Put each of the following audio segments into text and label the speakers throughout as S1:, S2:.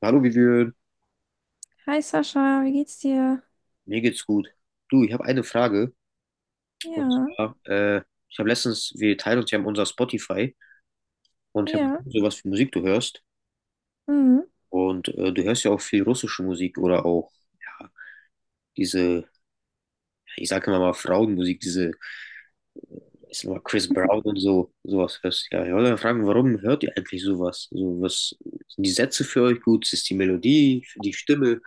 S1: Hallo Vivian,
S2: Hi Sascha, wie geht's dir?
S1: mir geht's gut. Du, ich habe eine Frage. Und
S2: Ja,
S1: zwar, ich habe letztens, wir teilen uns ja unser Spotify und ich habe
S2: ja.
S1: sowas für Musik du hörst.
S2: Mhm.
S1: Und du hörst ja auch viel russische Musik oder auch ja, diese, ja, ich sage immer mal Frauenmusik, diese, ist immer Chris Brown und so, sowas hörst. Ja, ich wollte mal fragen, warum hört ihr eigentlich sowas? So, was sind die Sätze für euch gut? Ist die Melodie, die Stimme?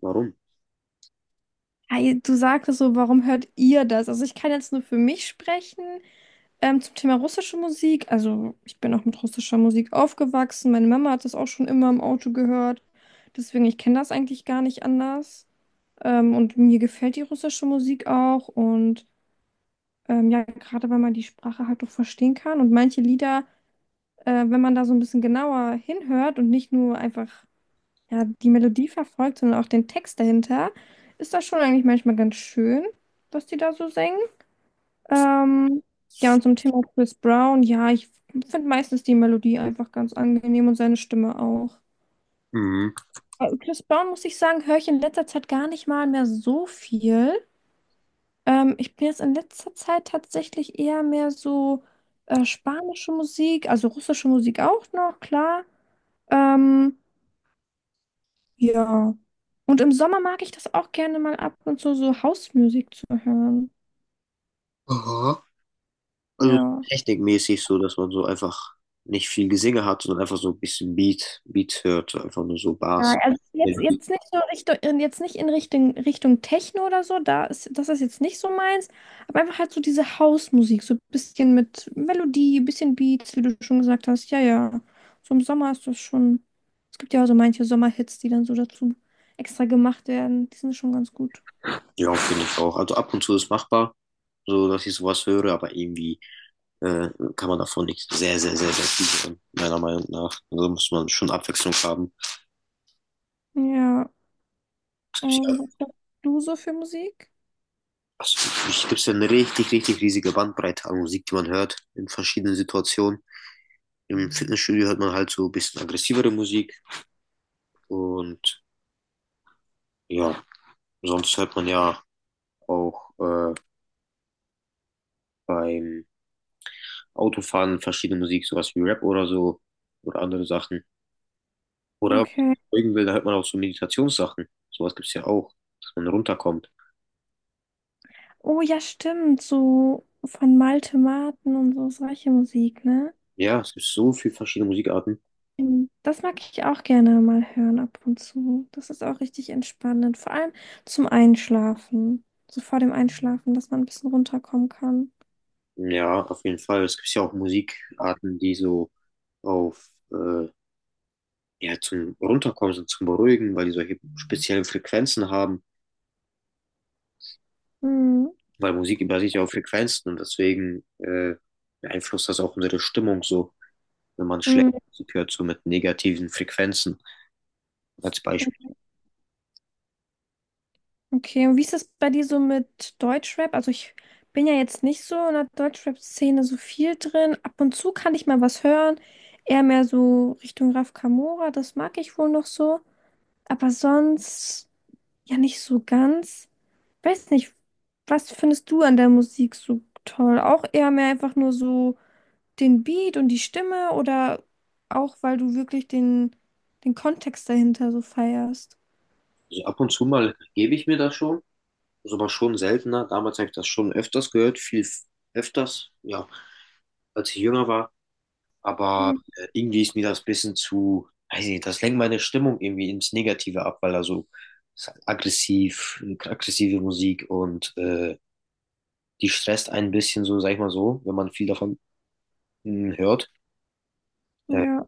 S1: Warum?
S2: Hi, du sagtest so, warum hört ihr das? Also ich kann jetzt nur für mich sprechen zum Thema russische Musik. Also ich bin auch mit russischer Musik aufgewachsen. Meine Mama hat das auch schon immer im Auto gehört. Deswegen, ich kenne das eigentlich gar nicht anders. Und mir gefällt die russische Musik auch. Und ja, gerade weil man die Sprache halt auch verstehen kann. Und manche Lieder, wenn man da so ein bisschen genauer hinhört und nicht nur einfach ja, die Melodie verfolgt, sondern auch den Text dahinter, ist das schon eigentlich manchmal ganz schön, was die da so singen. Ähm, ja, und zum Thema Chris Brown, ja, ich finde meistens die Melodie einfach ganz angenehm und seine Stimme auch.
S1: Mhm.
S2: Chris Brown, muss ich sagen, höre ich in letzter Zeit gar nicht mal mehr so viel. Ich bin jetzt in letzter Zeit tatsächlich eher mehr so spanische Musik, also russische Musik auch noch, klar. Ähm, Ja. Und im Sommer mag ich das auch gerne mal ab und zu so Hausmusik zu hören.
S1: Aha. Also
S2: Ja.
S1: technikmäßig so, dass man so einfach nicht viel Gesinge hat, sondern einfach so ein bisschen Beat, Beat hört, einfach nur so Bars.
S2: Ja, also jetzt nicht so Richtung, jetzt nicht in Richtung, Techno oder so, das ist jetzt nicht so meins, aber einfach halt so diese Hausmusik, so ein bisschen mit Melodie, ein bisschen Beats, wie du schon gesagt hast. Ja, ja. So im Sommer ist das schon. Es gibt ja auch so manche Sommerhits, die dann so dazu extra gemacht werden. Die sind schon ganz gut.
S1: Ja, finde ich auch. Also ab und zu ist machbar, so dass ich sowas höre, aber irgendwie äh, kann man davon nicht sehr, sehr, sehr, sehr viel hören, meiner Meinung nach. Also muss man schon Abwechslung haben.
S2: Ja.
S1: Es gibt ja,
S2: Und was machst du so für Musik?
S1: also, es gibt ja eine richtig, richtig riesige Bandbreite an Musik, die man hört in verschiedenen Situationen. Im Fitnessstudio hört man halt so ein bisschen aggressivere Musik und ja, sonst hört man ja auch. Beim Autofahren verschiedene Musik, sowas wie Rap oder so oder andere Sachen. Oder wenn
S2: Okay.
S1: man folgen will, da hört man auch so Meditationssachen. Sowas gibt's ja auch, dass man runterkommt.
S2: Oh ja, stimmt. So von Malte Marten und so solche Musik, ne?
S1: Ja, es gibt so viele verschiedene Musikarten.
S2: Mhm. Das mag ich auch gerne mal hören ab und zu. Das ist auch richtig entspannend. Vor allem zum Einschlafen. So vor dem Einschlafen, dass man ein bisschen runterkommen kann.
S1: Ja, auf jeden Fall. Es gibt ja auch Musikarten, die so auf, ja, zum Runterkommen sind, zum Beruhigen, weil die solche speziellen Frequenzen haben.
S2: Mhm.
S1: Weil Musik basiert ja auf Frequenzen und deswegen beeinflusst das auch unsere Stimmung so, wenn man
S2: Mhm.
S1: schlechte Musik hört, so mit negativen Frequenzen als Beispiel.
S2: Okay, und wie ist das bei dir so mit Deutschrap? Also ich bin ja jetzt nicht so in der Deutschrap-Szene so viel drin. Ab und zu kann ich mal was hören. Eher mehr so Richtung Raf Camora, das mag ich wohl noch so. Aber sonst. Ja, nicht so ganz. Weiß nicht, was findest du an der Musik so toll? Auch eher mehr einfach nur so den Beat und die Stimme oder auch, weil du wirklich den Kontext dahinter so feierst?
S1: Also ab und zu mal gebe ich mir das schon, ist aber schon seltener. Damals habe ich das schon öfters gehört, viel öfters, ja, als ich jünger war. Aber
S2: Hm,
S1: irgendwie ist mir das ein bisschen zu, weiß ich nicht, das lenkt meine Stimmung irgendwie ins Negative ab, weil da so ist halt aggressiv, aggressive Musik und die stresst einen ein bisschen so, sag ich mal so, wenn man viel davon hört. Äh,
S2: ja,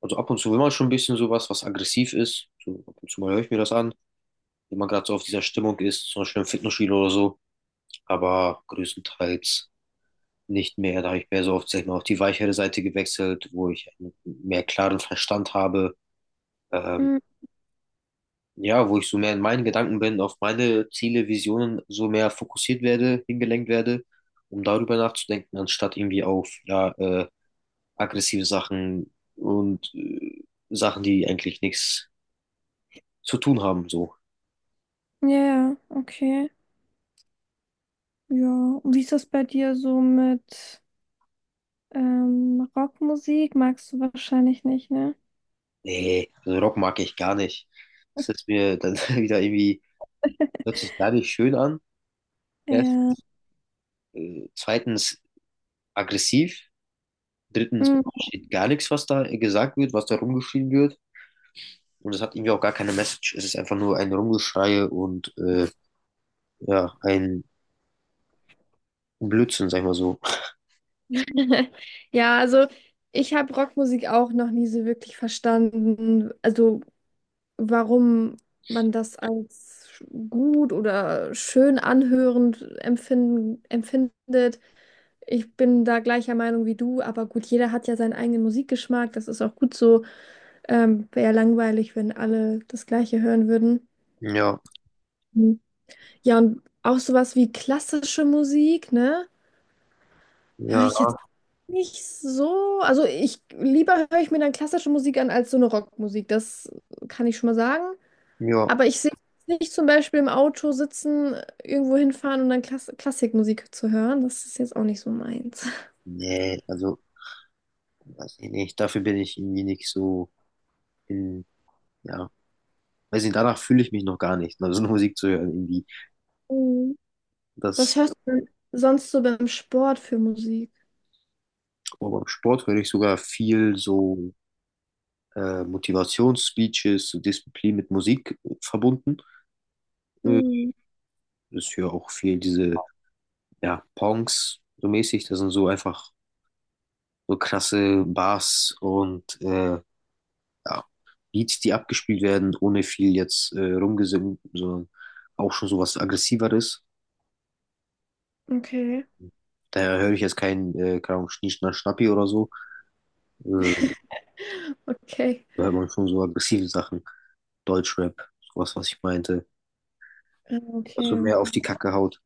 S1: also ab und zu will man schon ein bisschen sowas, was aggressiv ist. So, ab und zu mal höre ich mir das an, wenn man gerade so auf dieser Stimmung ist, zum Beispiel im Fitnessstudio oder so. Aber größtenteils nicht mehr. Da habe ich mehr so auf, sag ich mal, auf die weichere Seite gewechselt, wo ich einen mehr klaren Verstand habe. Ähm,
S2: hm,
S1: ja, wo ich so mehr in meinen Gedanken bin, auf meine Ziele, Visionen so mehr fokussiert werde, hingelenkt werde, um darüber nachzudenken, anstatt irgendwie auf ja, aggressive Sachen und Sachen, die eigentlich nichts zu tun haben. So,
S2: ja, ja, okay. Ja, und wie ist das bei dir so mit Rockmusik? Magst du wahrscheinlich nicht, ne?
S1: nee, also Rock mag ich gar nicht. Das ist mir dann wieder irgendwie, hört sich gar nicht schön an. Erst.
S2: Ja.
S1: Zweitens aggressiv, drittens man
S2: Hm.
S1: versteht gar nichts, was da gesagt wird, was da rumgeschrien wird. Und es hat irgendwie auch gar keine Message. Es ist einfach nur ein Rumgeschrei und ja, ein Blödsinn, sag ich mal so.
S2: Ja, also ich habe Rockmusik auch noch nie so wirklich verstanden. Also warum man das als gut oder schön anhörend empfindet. Ich bin da gleicher Meinung wie du, aber gut, jeder hat ja seinen eigenen Musikgeschmack, das ist auch gut so. Wäre ja langweilig, wenn alle das Gleiche hören würden.
S1: Ja,
S2: Mhm. Ja, und auch sowas wie klassische Musik, ne? Höre ich
S1: ja,
S2: jetzt auch nicht so. Also ich lieber höre ich mir dann klassische Musik an als so eine Rockmusik, das kann ich schon mal sagen.
S1: ja.
S2: Aber ich sehe nicht zum Beispiel im Auto sitzen, irgendwo hinfahren und dann Klassikmusik zu hören. Das ist jetzt auch nicht so meins.
S1: Nee, also, weiß ich nicht. Dafür bin ich irgendwie nicht so in, ja, weiß nicht, danach fühle ich mich noch gar nicht, also so Musik zu hören irgendwie.
S2: Mhm. Was
S1: Das,
S2: hörst du denn sonst so beim Sport für Musik?
S1: aber beim Sport höre ich sogar viel so Motivationsspeeches, so Disziplin mit Musik verbunden. Äh,
S2: Mhm.
S1: Ist hier auch viel diese, ja, Pongs so mäßig. Das sind so einfach so krasse Bars und ja, Beats, die abgespielt werden, ohne viel jetzt rumgesungen, sondern auch schon so was Aggressiveres.
S2: Okay.
S1: Daher höre ich jetzt keinen Kram, Schnischner, Schnappi oder so. Äh,
S2: Okay.
S1: Da hört man schon so aggressive Sachen. Deutschrap, sowas, was ich meinte.
S2: Ja,
S1: Was so
S2: okay.
S1: mehr auf die Kacke haut.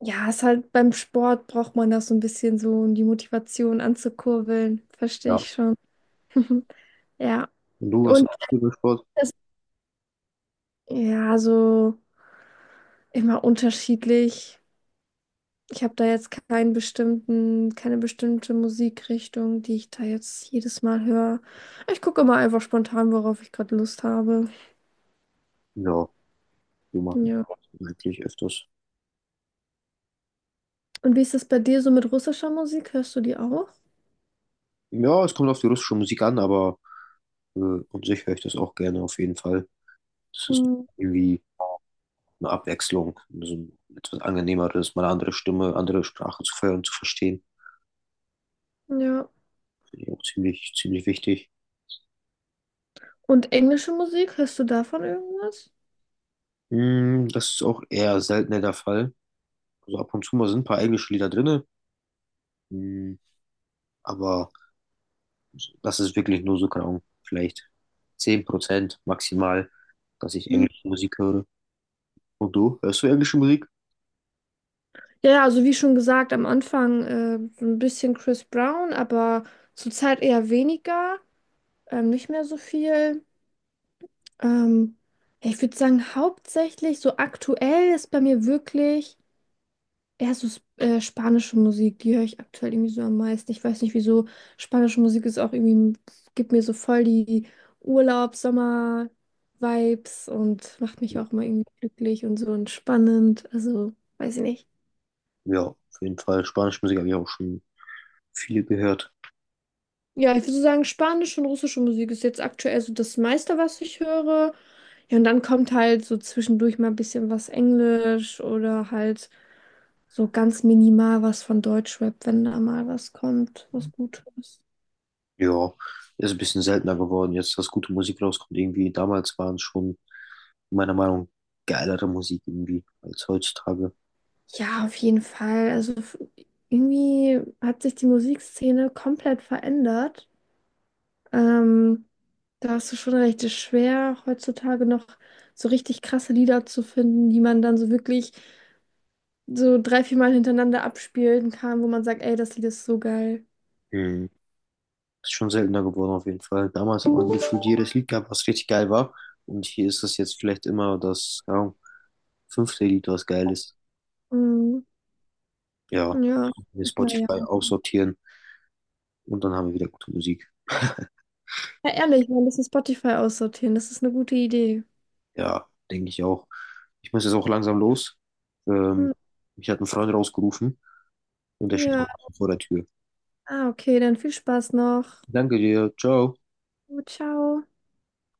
S2: Ja, ist halt beim Sport braucht man das so ein bisschen so, um die Motivation anzukurbeln. Verstehe
S1: Ja.
S2: ich schon. Ja.
S1: Und du, was hast
S2: Und
S1: du für Sport?
S2: das, ja, so immer unterschiedlich. Ich habe da jetzt keinen bestimmten, keine bestimmte Musikrichtung, die ich da jetzt jedes Mal höre. Ich gucke immer einfach spontan, worauf ich gerade Lust habe.
S1: Ja, du machst
S2: Ja.
S1: eigentlich öfters.
S2: Und wie ist das bei dir so mit russischer Musik? Hörst du die auch?
S1: Ja, es kommt auf die russische Musik an, aber und sich höre ich das auch gerne auf jeden Fall. Das ist
S2: Mhm.
S1: irgendwie eine Abwechslung, so ein etwas angenehmeres, mal eine andere Stimme, andere Sprache zu hören, zu verstehen.
S2: Ja.
S1: Finde ich auch ziemlich, ziemlich wichtig.
S2: Und englische Musik? Hörst du davon irgendwas?
S1: Mm, das ist auch eher seltener der Fall. Also ab und zu mal sind ein paar englische Lieder drin, mm, aber das ist wirklich nur so kaum, vielleicht 10% maximal, dass ich
S2: Mhm.
S1: englische Musik höre. Und du, hörst du englische Musik?
S2: Ja, ja, also wie schon gesagt, am Anfang so ein bisschen Chris Brown, aber zurzeit eher weniger, nicht mehr so viel. Ähm, ja, ich würde sagen, hauptsächlich so aktuell ist bei mir wirklich. Eher so spanische Musik, die höre ich aktuell irgendwie so am meisten. Ich weiß nicht, wieso. Spanische Musik ist auch irgendwie, gibt mir so voll die Urlaubs-Sommer-Vibes und macht mich auch immer irgendwie glücklich und so entspannend. Also, weiß ich nicht.
S1: Ja, auf jeden Fall. Spanische Musik habe ich auch schon viel gehört.
S2: Ja, ich würde so sagen, spanische und russische Musik ist jetzt aktuell so das meiste, was ich höre. Ja, und dann kommt halt so zwischendurch mal ein bisschen was Englisch oder halt so ganz minimal was von Deutschrap, wenn da mal was kommt, was Gutes.
S1: Ja, ist ein bisschen seltener geworden jetzt, dass gute Musik rauskommt irgendwie. Damals waren es schon, meiner Meinung nach, geilere Musik irgendwie als heutzutage.
S2: Ja, auf jeden Fall. Also irgendwie hat sich die Musikszene komplett verändert. Ähm, da hast du schon recht, es ist schwer, heutzutage noch so richtig krasse Lieder zu finden, die man dann so wirklich so 3, 4 Mal hintereinander abspielen kann, wo man sagt, ey, das Lied ist so geil.
S1: Hm. Ist schon seltener geworden auf jeden Fall. Damals hat man gefühlt jedes Lied gehabt, was richtig geil war. Und hier ist das jetzt vielleicht immer das, keine Ahnung, fünfte Lied, was geil ist.
S2: Mhm.
S1: Ja,
S2: Ja,
S1: wir
S2: naja.
S1: Spotify aussortieren und dann haben wir wieder gute Musik.
S2: Ja, ja, ehrlich, wir müssen Spotify aussortieren. Das ist eine gute Idee.
S1: Ja, denke ich auch. Ich muss jetzt auch langsam los. Ähm,
S2: Mhm.
S1: mich hat ein Freund rausgerufen und der steht
S2: Ja,
S1: auch vor der Tür.
S2: ah, okay, dann viel Spaß noch.
S1: Danke dir, ciao.
S2: Ciao.